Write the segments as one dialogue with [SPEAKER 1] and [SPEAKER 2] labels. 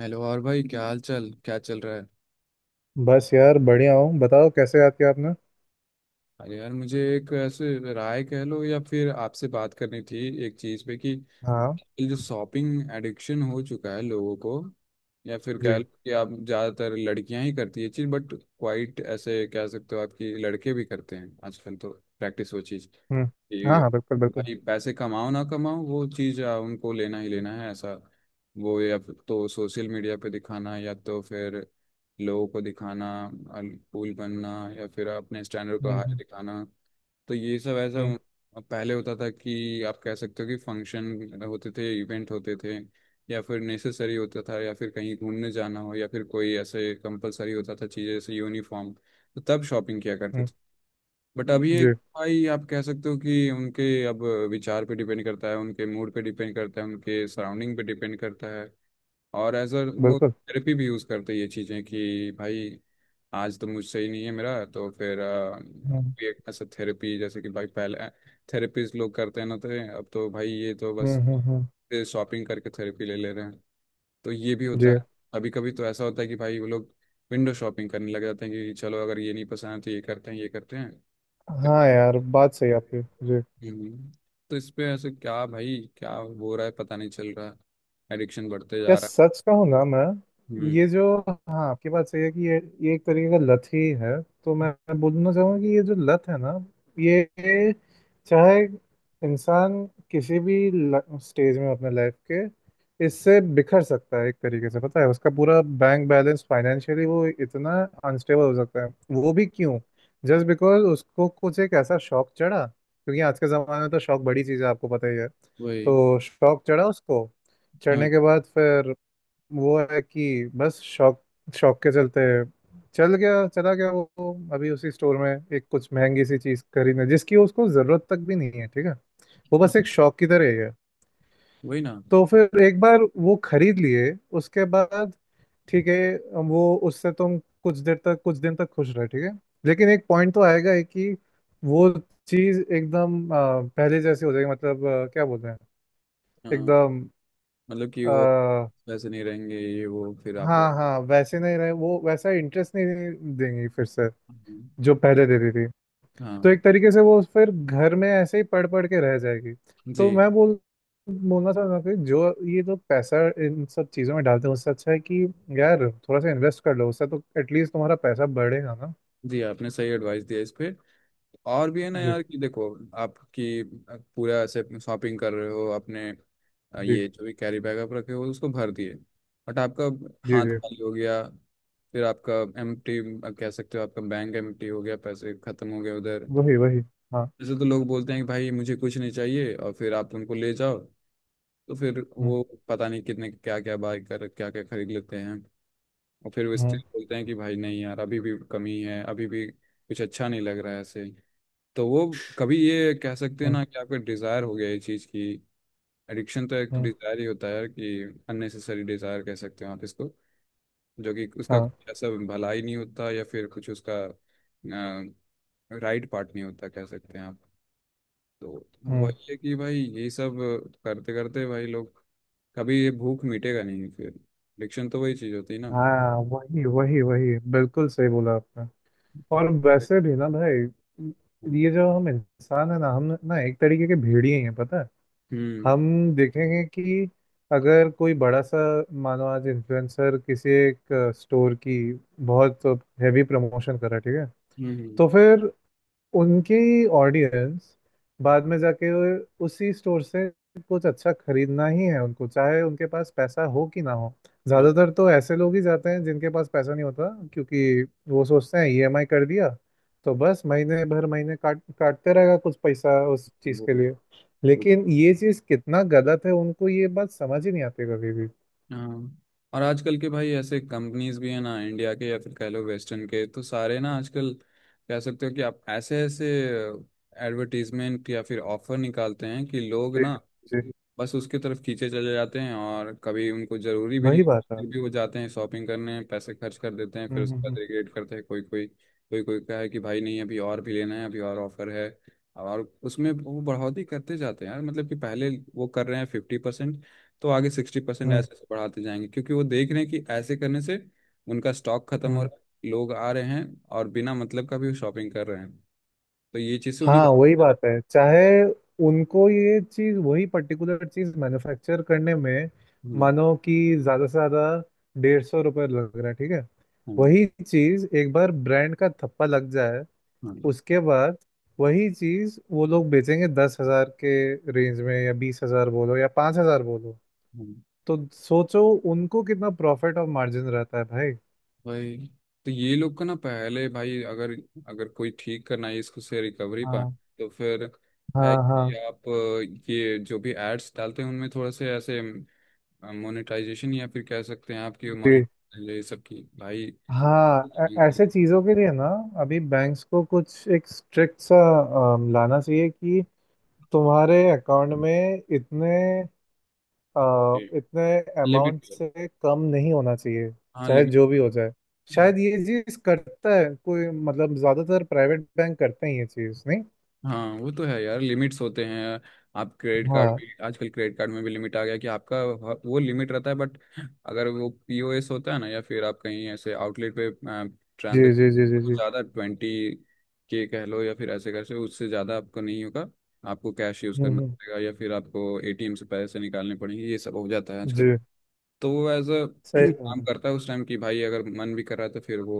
[SPEAKER 1] Hello और भाई, क्या हाल चाल, क्या चल रहा है?
[SPEAKER 2] बस यार, बढ़िया हूँ। बताओ, कैसे याद किया आपने?
[SPEAKER 1] अरे यार, मुझे एक ऐसे राय कह लो या फिर आपसे बात करनी थी एक चीज़ पे कि
[SPEAKER 2] हाँ।
[SPEAKER 1] ये जो शॉपिंग एडिक्शन हो चुका है लोगों को, या फिर कह
[SPEAKER 2] जी।
[SPEAKER 1] लो कि आप ज़्यादातर लड़कियां ही करती है चीज़, बट क्वाइट ऐसे कह सकते हो, आपकी लड़के भी करते हैं आजकल तो। प्रैक्टिस वो चीज़
[SPEAKER 2] हम्म। हाँ,
[SPEAKER 1] कि
[SPEAKER 2] हाँ, बिल्कुल, बिल्कुल।
[SPEAKER 1] भाई पैसे कमाओ ना कमाओ वो चीज उनको लेना ही लेना है, ऐसा। वो या फिर तो सोशल मीडिया पे दिखाना या तो फिर लोगों को दिखाना, कूल बनना, या फिर अपने स्टैंडर्ड को
[SPEAKER 2] हम्म,
[SPEAKER 1] हाई
[SPEAKER 2] हम्म,
[SPEAKER 1] दिखाना। तो ये सब ऐसा।
[SPEAKER 2] हम्म,
[SPEAKER 1] अब पहले होता था कि आप कह सकते हो कि फंक्शन होते थे, इवेंट होते थे, या फिर नेसेसरी होता था, या फिर कहीं घूमने जाना हो, या फिर कोई ऐसे कंपलसरी होता था चीज़, जैसे यूनिफॉर्म, तो तब शॉपिंग किया करते
[SPEAKER 2] हम्म,
[SPEAKER 1] थे। बट अब ये
[SPEAKER 2] जी,
[SPEAKER 1] भाई आप कह सकते हो कि उनके अब विचार पे डिपेंड करता है, उनके मूड पे डिपेंड करता है, उनके सराउंडिंग पे डिपेंड करता है। और एज अ वो
[SPEAKER 2] बिल्कुल।
[SPEAKER 1] थेरेपी भी यूज़ करते हैं ये चीज़ें कि भाई आज तो मुझसे ही नहीं है, मेरा तो फिर
[SPEAKER 2] हम्म,
[SPEAKER 1] भी एक ऐसा थेरेपी, जैसे कि भाई पहले थेरेपीज लोग करते हैं ना, तो अब तो भाई ये तो बस
[SPEAKER 2] हम्म, हम्म,
[SPEAKER 1] शॉपिंग करके थेरेपी ले ले रहे हैं। तो ये भी
[SPEAKER 2] जी।
[SPEAKER 1] होता है। कभी कभी तो ऐसा होता है कि भाई वो लोग विंडो शॉपिंग करने लग जाते हैं कि चलो अगर ये नहीं पसंद है तो ये करते हैं, ये करते हैं।
[SPEAKER 2] हाँ यार, बात सही है आपकी। जी।
[SPEAKER 1] हम्म। तो इस पे ऐसे क्या भाई, क्या हो रहा है पता नहीं चल रहा है, एडिक्शन बढ़ते जा
[SPEAKER 2] यार,
[SPEAKER 1] रहा
[SPEAKER 2] सच कहूँ ना,
[SPEAKER 1] है। हम्म।
[SPEAKER 2] मैं ये जो। हाँ, आपकी बात सही है कि ये एक तरीके का लत ही है। तो मैं बोलना चाहूंगा कि ये जो लत है ना, ये, चाहे इंसान किसी भी स्टेज में हो अपने लाइफ के, इससे बिखर सकता है। एक तरीके से पता है, उसका पूरा बैंक बैलेंस फाइनेंशियली वो इतना अनस्टेबल हो सकता है। वो भी क्यों? जस्ट बिकॉज उसको कुछ एक ऐसा शौक चढ़ा, क्योंकि आज के ज़माने में तो शौक बड़ी चीज़ है, आपको पता ही है।
[SPEAKER 1] वही।
[SPEAKER 2] तो शौक चढ़ा उसको,
[SPEAKER 1] हाँ,
[SPEAKER 2] चढ़ने के बाद फिर वो है कि बस शौक, शौक के चलते चल गया, चला गया वो अभी उसी स्टोर में एक कुछ महंगी सी चीज खरीदने, जिसकी उसको जरूरत तक भी नहीं है, ठीक है। वो
[SPEAKER 1] हाँ,
[SPEAKER 2] बस एक शौक की तरह ही है।
[SPEAKER 1] वही ना।
[SPEAKER 2] तो फिर एक बार वो खरीद लिए, उसके बाद ठीक है, वो उससे तुम कुछ देर तक कुछ दिन तक खुश रहे, ठीक है। लेकिन एक पॉइंट तो आएगा ही कि वो चीज एकदम पहले जैसी हो जाएगी। मतलब क्या बोलते हैं,
[SPEAKER 1] हाँ।
[SPEAKER 2] एकदम।
[SPEAKER 1] मतलब कि वो वैसे नहीं रहेंगे ये वो फिर आप।
[SPEAKER 2] हाँ, हाँ, वैसे नहीं रहे, वो वैसा इंटरेस्ट नहीं देंगी फिर से
[SPEAKER 1] हम्म,
[SPEAKER 2] जो पहले देती थी।
[SPEAKER 1] हाँ।
[SPEAKER 2] तो एक तरीके से वो फिर घर में ऐसे ही पढ़ पढ़ के रह जाएगी।
[SPEAKER 1] जी।
[SPEAKER 2] तो मैं बोलना चाहता हूँ कि जो ये जो पैसा इन सब चीज़ों में डालते हैं, उससे अच्छा है कि यार थोड़ा सा इन्वेस्ट कर लो, उससे तो एटलीस्ट तुम्हारा पैसा बढ़ेगा ना।
[SPEAKER 1] जी, आपने सही एडवाइस दिया इस पे। और भी है ना
[SPEAKER 2] जी,
[SPEAKER 1] यार कि देखो, आपकी पूरा ऐसे शॉपिंग कर रहे हो अपने,
[SPEAKER 2] जी,
[SPEAKER 1] ये जो भी कैरी बैग आप रखे हो उसको भर दिए। बट आपका
[SPEAKER 2] जी,
[SPEAKER 1] हाथ
[SPEAKER 2] जी।
[SPEAKER 1] खाली हो गया। फिर आपका एम्प्टी, कह सकते हो आपका बैंक एम्प्टी हो गया, पैसे खत्म हो गए उधर।
[SPEAKER 2] वही, वही। हाँ।
[SPEAKER 1] जैसे तो लोग बोलते हैं कि भाई मुझे कुछ नहीं चाहिए, और फिर आप उनको ले जाओ तो फिर
[SPEAKER 2] हम्म,
[SPEAKER 1] वो पता नहीं कितने क्या क्या बाय कर क्या क्या खरीद लेते हैं। और फिर वो स्टिल
[SPEAKER 2] हम्म,
[SPEAKER 1] बोलते हैं कि भाई नहीं यार, अभी भी कमी है, अभी भी कुछ अच्छा नहीं लग रहा है ऐसे। तो वो कभी ये कह सकते हैं
[SPEAKER 2] हम्म,
[SPEAKER 1] ना कि आपका डिज़ायर हो गया ये चीज़ की। एडिक्शन तो एक
[SPEAKER 2] हम्म,
[SPEAKER 1] डिज़ायर ही होता है, कि अननेसेसरी डिज़ायर कह सकते हो आप इसको, जो कि उसका
[SPEAKER 2] हाँ,
[SPEAKER 1] कुछ ऐसा भलाई नहीं होता या फिर कुछ उसका राइट पार्ट नहीं होता, कह सकते हैं आप। तो
[SPEAKER 2] हम्म।
[SPEAKER 1] वही है कि भाई ये सब करते करते भाई लोग कभी ये भूख मिटेगा नहीं। फिर एडिक्शन तो वही चीज़ होती है ना।
[SPEAKER 2] हाँ, वही, वही, वही, बिल्कुल सही बोला आपने। और वैसे भी ना
[SPEAKER 1] हम्म,
[SPEAKER 2] भाई, ये जो हम इंसान है ना, हम ना एक तरीके के भेड़िए हैं, पता है।
[SPEAKER 1] हम्म,
[SPEAKER 2] हम देखेंगे कि अगर कोई बड़ा सा, मानो आज इन्फ्लुएंसर किसी एक स्टोर की बहुत हैवी प्रमोशन कर रहा है, ठीक है, तो
[SPEAKER 1] हम्म।
[SPEAKER 2] फिर उनकी ऑडियंस बाद में जाके उसी स्टोर से कुछ अच्छा खरीदना ही है उनको, चाहे उनके पास पैसा हो कि ना हो।
[SPEAKER 1] हाँ
[SPEAKER 2] ज़्यादातर तो ऐसे लोग ही जाते हैं जिनके पास पैसा नहीं होता, क्योंकि वो सोचते हैं ईएमआई कर दिया, तो बस महीने भर महीने काट काटते रहेगा कुछ पैसा उस चीज़
[SPEAKER 1] वो।
[SPEAKER 2] के लिए। लेकिन ये चीज़ कितना गलत है, उनको ये बात समझ ही नहीं आती कभी भी।
[SPEAKER 1] हाँ। और आजकल के भाई ऐसे कंपनीज भी हैं ना, इंडिया के या फिर कह लो वेस्टर्न के, तो सारे ना आजकल कह सकते हो कि आप ऐसे ऐसे एडवर्टीजमेंट या फिर ऑफर निकालते हैं कि लोग
[SPEAKER 2] जी,
[SPEAKER 1] ना
[SPEAKER 2] जी।
[SPEAKER 1] बस उसके तरफ खींचे चले जाते हैं, और कभी उनको जरूरी भी नहीं
[SPEAKER 2] वही बात है।
[SPEAKER 1] फिर भी वो जाते हैं शॉपिंग करने, पैसे खर्च कर देते हैं, फिर
[SPEAKER 2] हम्म,
[SPEAKER 1] उसके बाद
[SPEAKER 2] हम्म,
[SPEAKER 1] रिग्रेट करते हैं कोई कोई। कोई कोई कहे कि भाई नहीं, अभी और भी लेना है, अभी और ऑफर है। और उसमें वो बढ़ोतरी करते जाते हैं यार, मतलब कि पहले वो कर रहे हैं 50%, तो आगे 60%,
[SPEAKER 2] हम्म,
[SPEAKER 1] ऐसे ऐसे बढ़ाते जाएंगे, क्योंकि वो देख रहे हैं कि ऐसे करने से उनका स्टॉक खत्म हो
[SPEAKER 2] हम्म।
[SPEAKER 1] रहा है, लोग आ रहे हैं और बिना मतलब का भी शॉपिंग कर रहे हैं। तो ये चीज़ से उन्हीं
[SPEAKER 2] हाँ,
[SPEAKER 1] का।
[SPEAKER 2] वही बात है, चाहे उनको ये चीज, वही पर्टिकुलर चीज मैन्युफैक्चर करने में,
[SPEAKER 1] हम्म,
[SPEAKER 2] मानो कि ज्यादा से ज्यादा 150 रुपये लग रहा है, ठीक है,
[SPEAKER 1] हम्म,
[SPEAKER 2] वही चीज एक बार ब्रांड का थप्पा लग जाए, उसके बाद वही चीज वो लोग बेचेंगे 10 हजार के रेंज में, या 20 हजार बोलो या 5 हजार बोलो।
[SPEAKER 1] हम्म।
[SPEAKER 2] तो सोचो उनको कितना प्रॉफिट और मार्जिन रहता है भाई।
[SPEAKER 1] भाई, तो ये लोग का ना पहले भाई, अगर अगर कोई ठीक करना है इसको से रिकवरी पाए,
[SPEAKER 2] हाँ,
[SPEAKER 1] तो फिर है
[SPEAKER 2] हाँ, हाँ।
[SPEAKER 1] कि आप ये जो भी एड्स डालते हैं उनमें थोड़ा से ऐसे मोनेटाइजेशन, या फिर कह सकते हैं आपकी मोनेट, ये सब की भाई।
[SPEAKER 2] हाँ, ऐसे चीज़ों के लिए ना, अभी बैंक्स को कुछ एक स्ट्रिक्ट सा लाना चाहिए कि तुम्हारे अकाउंट में अ, इतने अमाउंट
[SPEAKER 1] लिमिट।
[SPEAKER 2] से कम नहीं होना चाहिए,
[SPEAKER 1] हाँ
[SPEAKER 2] चाहे
[SPEAKER 1] लिमिट।
[SPEAKER 2] जो भी हो जाए। शायद ये चीज़ करता है कोई, मतलब ज़्यादातर प्राइवेट बैंक करते हैं, ये चीज़ नहीं।
[SPEAKER 1] हाँ, वो तो है यार, लिमिट्स होते हैं। आप क्रेडिट कार्ड
[SPEAKER 2] हाँ।
[SPEAKER 1] भी आजकल, क्रेडिट कार्ड में भी लिमिट आ गया कि आपका वो लिमिट रहता है, बट अगर वो पीओएस होता है ना, या फिर आप कहीं ऐसे आउटलेट पे
[SPEAKER 2] जी, जी, जी, जी,
[SPEAKER 1] ट्रांजेक्शन
[SPEAKER 2] जी।
[SPEAKER 1] ज़्यादा ट्वेंटी के कह लो, या फिर ऐसे कैसे, उससे ज़्यादा आपको नहीं होगा। आपको कैश यूज़
[SPEAKER 2] हम्म,
[SPEAKER 1] करना पड़ेगा, या फिर आपको एटीएम से पैसे निकालने पड़ेंगे, ये सब हो जाता है आजकल।
[SPEAKER 2] जी।
[SPEAKER 1] तो वो एज अ
[SPEAKER 2] सही।
[SPEAKER 1] काम करता है उस टाइम कि भाई, अगर मन भी कर रहा है तो फिर वो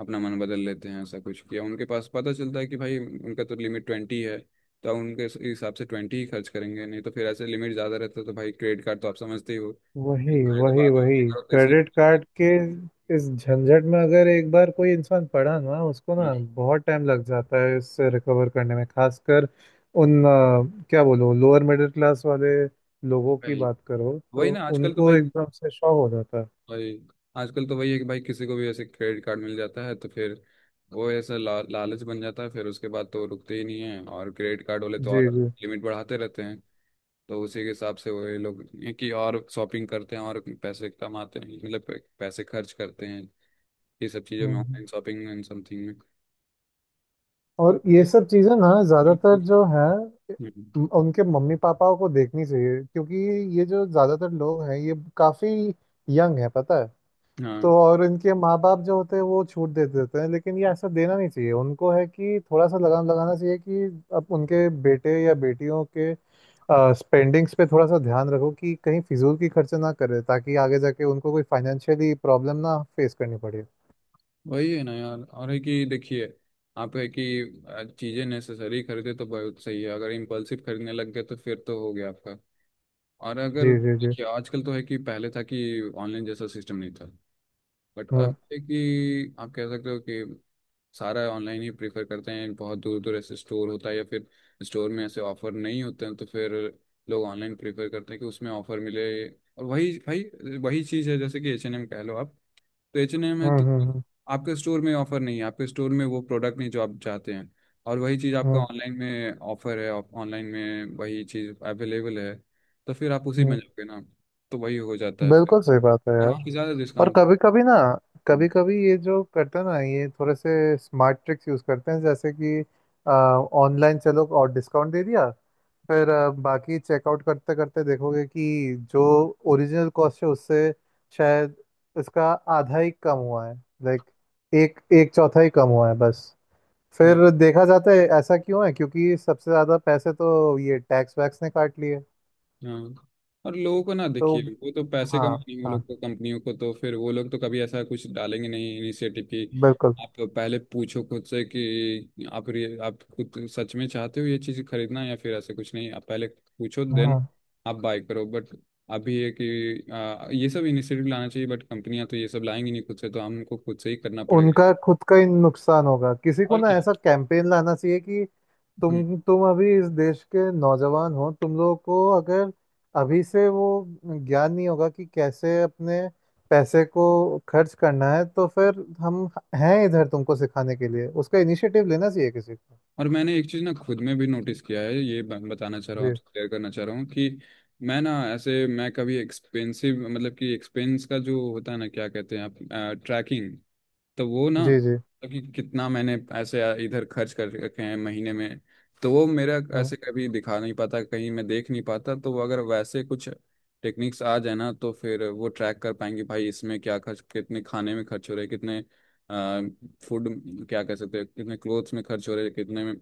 [SPEAKER 1] अपना मन बदल लेते हैं, ऐसा कुछ किया उनके पास, पता चलता है कि भाई उनका तो लिमिट ट्वेंटी है, तो अब उनके हिसाब से ट्वेंटी ही खर्च करेंगे, नहीं तो फिर ऐसे लिमिट ज़्यादा रहता है तो भाई क्रेडिट कार्ड तो आप समझते ही हो।
[SPEAKER 2] वही,
[SPEAKER 1] खरीद तो
[SPEAKER 2] वही,
[SPEAKER 1] बात
[SPEAKER 2] वही
[SPEAKER 1] है, करो तो
[SPEAKER 2] क्रेडिट
[SPEAKER 1] इसलिए।
[SPEAKER 2] कार्ड के इस झंझट में अगर एक बार कोई इंसान पड़ा ना, उसको
[SPEAKER 1] हम्म,
[SPEAKER 2] ना बहुत टाइम लग जाता है इससे रिकवर करने में, खासकर उन क्या बोलो, लोअर मिडिल क्लास वाले लोगों की
[SPEAKER 1] भाई
[SPEAKER 2] बात करो
[SPEAKER 1] वही
[SPEAKER 2] तो
[SPEAKER 1] ना। आजकल तो
[SPEAKER 2] उनको
[SPEAKER 1] भाई,
[SPEAKER 2] एकदम से शॉक हो जाता है।
[SPEAKER 1] भाई आजकल तो वही है कि भाई किसी को भी ऐसे क्रेडिट कार्ड मिल जाता है तो फिर वो ऐसा लालच बन जाता है, फिर उसके बाद तो वो रुकते ही नहीं है, और क्रेडिट कार्ड वाले तो और
[SPEAKER 2] जी, जी।
[SPEAKER 1] लिमिट बढ़ाते रहते हैं। तो उसी के हिसाब से वही लोग ये कि और शॉपिंग करते हैं और पैसे कमाते हैं, मतलब पैसे खर्च करते हैं, ये सब चीज़ों में,
[SPEAKER 2] हम्म।
[SPEAKER 1] ऑनलाइन शॉपिंग एंड समथिंग में।
[SPEAKER 2] और ये सब चीज़ें ना, ज़्यादातर जो हैं,
[SPEAKER 1] हम्म,
[SPEAKER 2] उनके मम्मी पापाओं को देखनी चाहिए, क्योंकि ये जो ज़्यादातर लोग हैं ये काफ़ी यंग है, पता है।
[SPEAKER 1] हाँ।
[SPEAKER 2] तो और इनके माँ बाप जो होते हैं वो छूट दे देते हैं, लेकिन ये ऐसा देना नहीं चाहिए उनको, है कि थोड़ा सा लगाम लगाना चाहिए कि अब उनके बेटे या बेटियों के स्पेंडिंग्स पे थोड़ा सा ध्यान रखो कि कहीं फिजूल की खर्चे ना करे, ताकि आगे जाके उनको कोई फाइनेंशियली प्रॉब्लम ना फेस करनी पड़े।
[SPEAKER 1] वही है ना यार, और है कि देखिए, आप है कि चीज़ें नेसेसरी खरीदे तो बहुत सही है, अगर इम्पल्सिव खरीदने लग गए तो फिर तो हो गया आपका। और अगर
[SPEAKER 2] जी, जी, जी।
[SPEAKER 1] देखिए आजकल तो है कि पहले था कि ऑनलाइन जैसा सिस्टम नहीं था, बट अब
[SPEAKER 2] हम्म,
[SPEAKER 1] है कि आप कह सकते हो कि सारा ऑनलाइन ही प्रेफर करते हैं। बहुत दूर दूर ऐसे स्टोर होता है या फिर स्टोर में ऐसे ऑफर नहीं होते हैं तो फिर लोग ऑनलाइन प्रेफर करते हैं कि उसमें ऑफर मिले। और वही भाई वही चीज़ है, जैसे कि H&M कह लो आप, तो H&M है
[SPEAKER 2] हम्म,
[SPEAKER 1] तो
[SPEAKER 2] हम्म, हम्म,
[SPEAKER 1] आपके स्टोर में ऑफर नहीं है, आपके स्टोर में वो प्रोडक्ट नहीं जो आप चाहते हैं, और वही चीज़ आपका
[SPEAKER 2] हम्म।
[SPEAKER 1] ऑनलाइन में ऑफर है, ऑनलाइन में वही चीज़ अवेलेबल है, तो फिर आप उसी में
[SPEAKER 2] हम्म।
[SPEAKER 1] जाओगे ना, तो वही हो जाता है फिर,
[SPEAKER 2] बिल्कुल सही बात है
[SPEAKER 1] और
[SPEAKER 2] यार।
[SPEAKER 1] वहाँ पे ज़्यादा
[SPEAKER 2] और
[SPEAKER 1] डिस्काउंट।
[SPEAKER 2] कभी कभी ना, कभी कभी ये जो करते हैं ना, ये थोड़े से स्मार्ट ट्रिक्स यूज करते हैं, जैसे कि ऑनलाइन चलो और डिस्काउंट दे दिया, फिर बाकी चेकआउट करते करते देखोगे कि जो ओरिजिनल कॉस्ट है उससे शायद इसका आधा ही कम हुआ है, लाइक एक एक चौथा ही कम हुआ है बस।
[SPEAKER 1] हाँ,
[SPEAKER 2] फिर देखा जाता है ऐसा क्यों है, क्योंकि सबसे ज़्यादा पैसे तो ये टैक्स वैक्स ने काट लिए।
[SPEAKER 1] हाँ। और लोगों को ना
[SPEAKER 2] तो
[SPEAKER 1] देखिए, वो तो पैसे
[SPEAKER 2] हाँ,
[SPEAKER 1] कमाएंगे वो
[SPEAKER 2] हाँ,
[SPEAKER 1] लोग को, कंपनियों को, तो फिर वो लोग तो कभी ऐसा कुछ डालेंगे नहीं इनिशिएटिव की।
[SPEAKER 2] बिल्कुल।
[SPEAKER 1] आप पहले पूछो खुद से कि आप आप खुद सच में चाहते हो ये चीज़ खरीदना या फिर ऐसा कुछ नहीं, आप पहले पूछो देन
[SPEAKER 2] हाँ,
[SPEAKER 1] आप बाय करो। बट अभी ये कि ये सब इनिशिएटिव लाना चाहिए, बट कंपनियां तो ये सब लाएंगी नहीं खुद से, तो हमको खुद से ही करना पड़ेगा।
[SPEAKER 2] उनका खुद का ही नुकसान होगा, किसी को
[SPEAKER 1] और
[SPEAKER 2] ना ऐसा कैंपेन लाना चाहिए कि
[SPEAKER 1] क्या।
[SPEAKER 2] तुम अभी इस देश के नौजवान हो, तुम लोगों को अगर अभी से वो ज्ञान नहीं होगा कि कैसे अपने पैसे को खर्च करना है, तो फिर हम हैं इधर तुमको सिखाने के लिए। उसका इनिशिएटिव लेना चाहिए किसी को।
[SPEAKER 1] और मैंने एक चीज़ ना खुद में भी नोटिस किया है, ये बताना चाह रहा हूँ
[SPEAKER 2] जी,
[SPEAKER 1] आपसे, क्लियर करना चाह रहा हूँ कि मैं ना, ऐसे मैं कभी एक्सपेंसिव, मतलब कि एक्सपेंस का जो होता है ना, क्या कहते हैं आप, ट्रैकिंग। तो वो ना,
[SPEAKER 2] जी, जी।
[SPEAKER 1] कि कितना मैंने ऐसे इधर खर्च कर रखे हैं महीने में, तो वो मेरा
[SPEAKER 2] हम्म,
[SPEAKER 1] ऐसे कभी दिखा नहीं पाता, कहीं मैं देख नहीं पाता। तो वो अगर वैसे कुछ टेक्निक्स आ जाए ना, तो फिर वो ट्रैक कर पाएंगे भाई, इसमें क्या खर्च, कितने खाने में खर्च हो रहे, कितने फूड, क्या कह सकते हैं, कितने क्लोथ्स में खर्च हो रहे, कितने में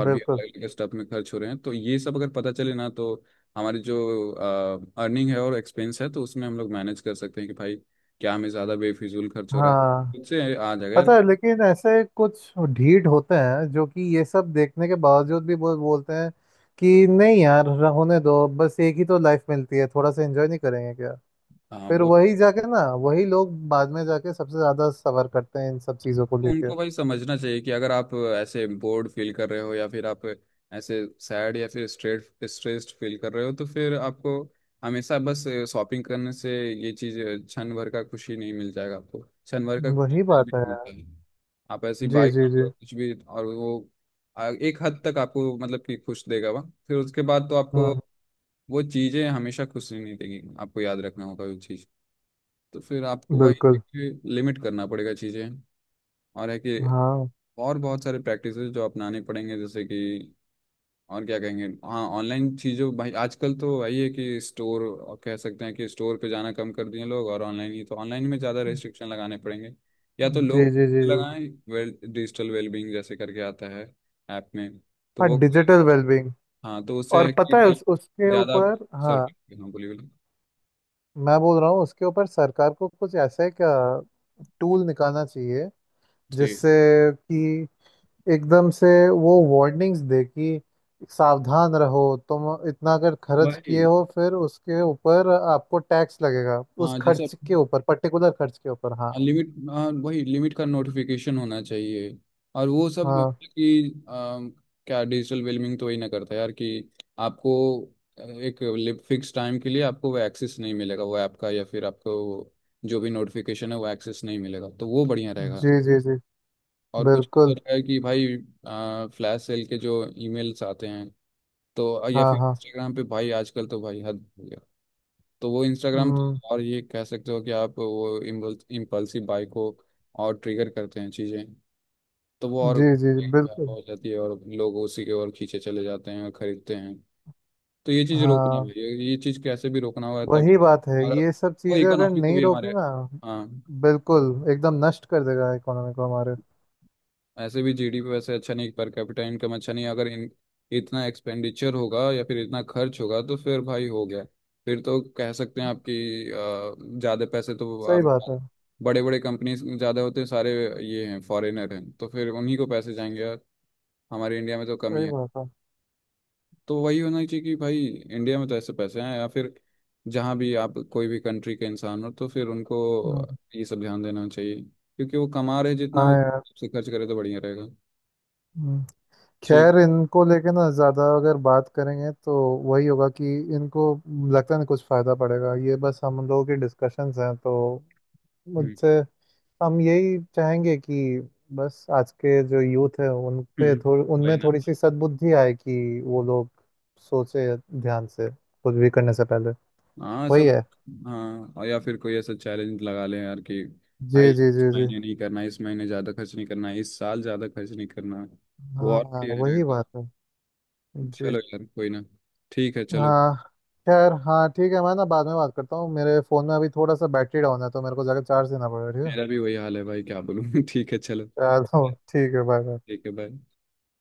[SPEAKER 1] और भी
[SPEAKER 2] बिल्कुल।
[SPEAKER 1] अलग अलग स्टफ में खर्च हो रहे हैं। तो ये सब अगर पता चले ना, तो हमारी जो अर्निंग है और एक्सपेंस है, तो उसमें हम लोग मैनेज कर सकते हैं कि भाई क्या हमें ज़्यादा बेफिजूल खर्च हो रहा है।
[SPEAKER 2] हाँ
[SPEAKER 1] खुद से आ जाएगा यार।
[SPEAKER 2] पता है, लेकिन ऐसे कुछ ढीठ होते हैं जो कि ये सब देखने के बावजूद भी बोल बोलते हैं कि नहीं यार, होने दो, बस एक ही तो लाइफ मिलती है, थोड़ा सा एंजॉय नहीं करेंगे क्या।
[SPEAKER 1] हाँ
[SPEAKER 2] फिर
[SPEAKER 1] वो।
[SPEAKER 2] वही जाके ना, वही लोग बाद में जाके सबसे ज्यादा सफर करते हैं इन सब चीजों को
[SPEAKER 1] तो
[SPEAKER 2] लेके।
[SPEAKER 1] उनको भाई समझना चाहिए कि अगर आप ऐसे बोर्ड फील कर रहे हो, या फिर आप ऐसे सैड या फिर स्ट्रेट स्ट्रेस्ड फील कर रहे हो, तो फिर आपको हमेशा बस शॉपिंग करने से ये चीज़ क्षण भर का खुशी नहीं मिल जाएगा। आपको क्षण भर का खुशी
[SPEAKER 2] वही
[SPEAKER 1] कहीं भी
[SPEAKER 2] बात है
[SPEAKER 1] नहीं मिलता
[SPEAKER 2] यार।
[SPEAKER 1] है। आप ऐसी
[SPEAKER 2] जी,
[SPEAKER 1] बाइक
[SPEAKER 2] जी, जी।
[SPEAKER 1] कुछ भी, और वो एक हद तक आपको मतलब कि खुश देगा वह, फिर उसके बाद तो आपको
[SPEAKER 2] हम्म।
[SPEAKER 1] वो चीज़ें हमेशा खुशी नहीं देगी, आपको याद रखना होगा वो चीज़। तो फिर आपको
[SPEAKER 2] बिल्कुल।
[SPEAKER 1] वही लिमिट करना पड़ेगा चीज़ें। और है कि
[SPEAKER 2] हाँ।
[SPEAKER 1] और बहुत सारे प्रैक्टिसेस जो अपनाने पड़ेंगे, जैसे कि और क्या कहेंगे, हाँ, ऑनलाइन चीज़ों भाई आजकल तो वही है कि स्टोर, और कह सकते हैं कि स्टोर पे जाना कम कर दिए लोग, और ऑनलाइन ही तो, ऑनलाइन में ज़्यादा रेस्ट्रिक्शन लगाने पड़ेंगे या तो
[SPEAKER 2] जी,
[SPEAKER 1] लोग
[SPEAKER 2] जी, जी, जी।
[SPEAKER 1] लगाएं। वेल डिजिटल वेलबींग जैसे करके आता है ऐप में, तो
[SPEAKER 2] हाँ,
[SPEAKER 1] वो।
[SPEAKER 2] Digital wellbeing.
[SPEAKER 1] हाँ, तो उससे
[SPEAKER 2] और
[SPEAKER 1] है कि
[SPEAKER 2] पता है
[SPEAKER 1] भाई,
[SPEAKER 2] उस उसके
[SPEAKER 1] ज़्यादा
[SPEAKER 2] ऊपर, हाँ।
[SPEAKER 1] सर्फिंग, बोलिए बोलिए।
[SPEAKER 2] मैं बोल रहा हूँ उसके ऊपर सरकार को कुछ ऐसा एक टूल निकालना चाहिए
[SPEAKER 1] जी,
[SPEAKER 2] जिससे कि एकदम से वो वार्निंग्स दे कि सावधान रहो, तुम इतना अगर खर्च
[SPEAKER 1] वही।
[SPEAKER 2] किए हो फिर उसके ऊपर आपको टैक्स लगेगा, उस
[SPEAKER 1] हाँ जैसे
[SPEAKER 2] खर्च के ऊपर, पर्टिकुलर खर्च के ऊपर। हाँ।
[SPEAKER 1] लिमिट। हाँ वही लिमिट का नोटिफिकेशन होना चाहिए, और वो सब मतलब
[SPEAKER 2] हाँ,
[SPEAKER 1] कि क्या डिजिटल वेलमिंग तो वही ना करता है यार, कि आपको एक फिक्स टाइम के लिए आपको वो एक्सेस नहीं मिलेगा वो ऐप का, या फिर आपको जो भी नोटिफिकेशन है वो एक्सेस नहीं मिलेगा, तो वो बढ़िया रहेगा।
[SPEAKER 2] जी, जी, जी,
[SPEAKER 1] और कुछ
[SPEAKER 2] बिल्कुल।
[SPEAKER 1] ऐसा है कि भाई, फ्लैश सेल के जो ईमेल्स आते हैं, तो या
[SPEAKER 2] हाँ,
[SPEAKER 1] फिर
[SPEAKER 2] हाँ।
[SPEAKER 1] इंस्टाग्राम पे भाई आजकल तो भाई हद हो गया, तो वो इंस्टाग्राम
[SPEAKER 2] हम्म,
[SPEAKER 1] और ये कह सकते हो कि आप वो इम्पल्सिव बाई को और ट्रिगर करते हैं चीज़ें, तो वो और
[SPEAKER 2] जी, जी, जी, बिल्कुल।
[SPEAKER 1] हो जाती है, और लोग उसी के ओर खींचे चले जाते हैं और खरीदते हैं। तो ये चीज़ रोकना है,
[SPEAKER 2] हाँ,
[SPEAKER 1] ये चीज़ कैसे भी रोकना होगा, तभी
[SPEAKER 2] वही बात है,
[SPEAKER 1] हमारा
[SPEAKER 2] ये सब
[SPEAKER 1] वो
[SPEAKER 2] चीजें अगर
[SPEAKER 1] इकोनॉमी को
[SPEAKER 2] नहीं
[SPEAKER 1] भी
[SPEAKER 2] रोकी
[SPEAKER 1] हमारे।
[SPEAKER 2] ना।
[SPEAKER 1] हाँ,
[SPEAKER 2] बिल्कुल, एकदम नष्ट कर देगा इकोनॉमी को हमारे।
[SPEAKER 1] ऐसे भी जीडीपी वैसे अच्छा नहीं, पर कैपिटा इनकम अच्छा नहीं, अगर इन इतना एक्सपेंडिचर होगा या फिर इतना खर्च होगा तो फिर भाई हो गया। फिर तो कह सकते हैं आपकी ज़्यादा पैसे
[SPEAKER 2] सही
[SPEAKER 1] तो
[SPEAKER 2] बात है।
[SPEAKER 1] बड़े बड़े कंपनीज ज़्यादा होते हैं, सारे ये हैं फॉरेनर हैं, तो फिर उन्हीं को पैसे जाएंगे यार, हमारे इंडिया में तो कमी
[SPEAKER 2] सही
[SPEAKER 1] है।
[SPEAKER 2] बात है।
[SPEAKER 1] तो वही होना चाहिए कि भाई इंडिया में तो ऐसे पैसे हैं या फिर जहाँ भी आप कोई भी कंट्री के इंसान हो तो फिर उनको
[SPEAKER 2] हम्म,
[SPEAKER 1] ये सब ध्यान देना चाहिए, क्योंकि वो कमा रहे जितना
[SPEAKER 2] हाँ यार।
[SPEAKER 1] उससे खर्च करे तो बढ़िया रहेगा।
[SPEAKER 2] हम्म।
[SPEAKER 1] ठीक।
[SPEAKER 2] खैर, इनको लेके ना ज्यादा अगर बात करेंगे तो वही होगा कि इनको लगता नहीं कुछ फायदा पड़ेगा, ये बस हम लोगों की डिस्कशंस हैं, तो
[SPEAKER 1] हम्म।
[SPEAKER 2] मुझसे। हम यही चाहेंगे कि बस आज के जो यूथ है उन पे
[SPEAKER 1] हम्म।
[SPEAKER 2] थोड़ी,
[SPEAKER 1] वही
[SPEAKER 2] उनमें
[SPEAKER 1] ना।
[SPEAKER 2] थोड़ी सी सद्बुद्धि आए कि वो लोग सोचे, ध्यान से कुछ भी करने से पहले।
[SPEAKER 1] हाँ
[SPEAKER 2] वही
[SPEAKER 1] सब।
[SPEAKER 2] है।
[SPEAKER 1] हाँ, और या फिर कोई ऐसा चैलेंज लगा लें यार कि
[SPEAKER 2] जी,
[SPEAKER 1] भाई
[SPEAKER 2] जी,
[SPEAKER 1] इस
[SPEAKER 2] जी, जी।
[SPEAKER 1] महीने नहीं करना, इस महीने ज़्यादा खर्च नहीं करना, इस साल ज़्यादा खर्च नहीं करना, वो और
[SPEAKER 2] हाँ,
[SPEAKER 1] क्लियर
[SPEAKER 2] वही
[SPEAKER 1] रहेगा।
[SPEAKER 2] बात है। जी।
[SPEAKER 1] चलो यार, कोई ना, ठीक है चलो।
[SPEAKER 2] हाँ। खैर, हाँ ठीक है, मैं ना बाद में बात करता हूँ, मेरे फ़ोन में अभी थोड़ा सा बैटरी डाउन है, तो मेरे को जाकर चार्ज देना पड़ेगा।
[SPEAKER 1] मेरा भी वही हाल है भाई, क्या बोलूँ ठीक है चलो,
[SPEAKER 2] ठीक है चलो, ठीक है, बाय बाय।
[SPEAKER 1] ठीक है भाई।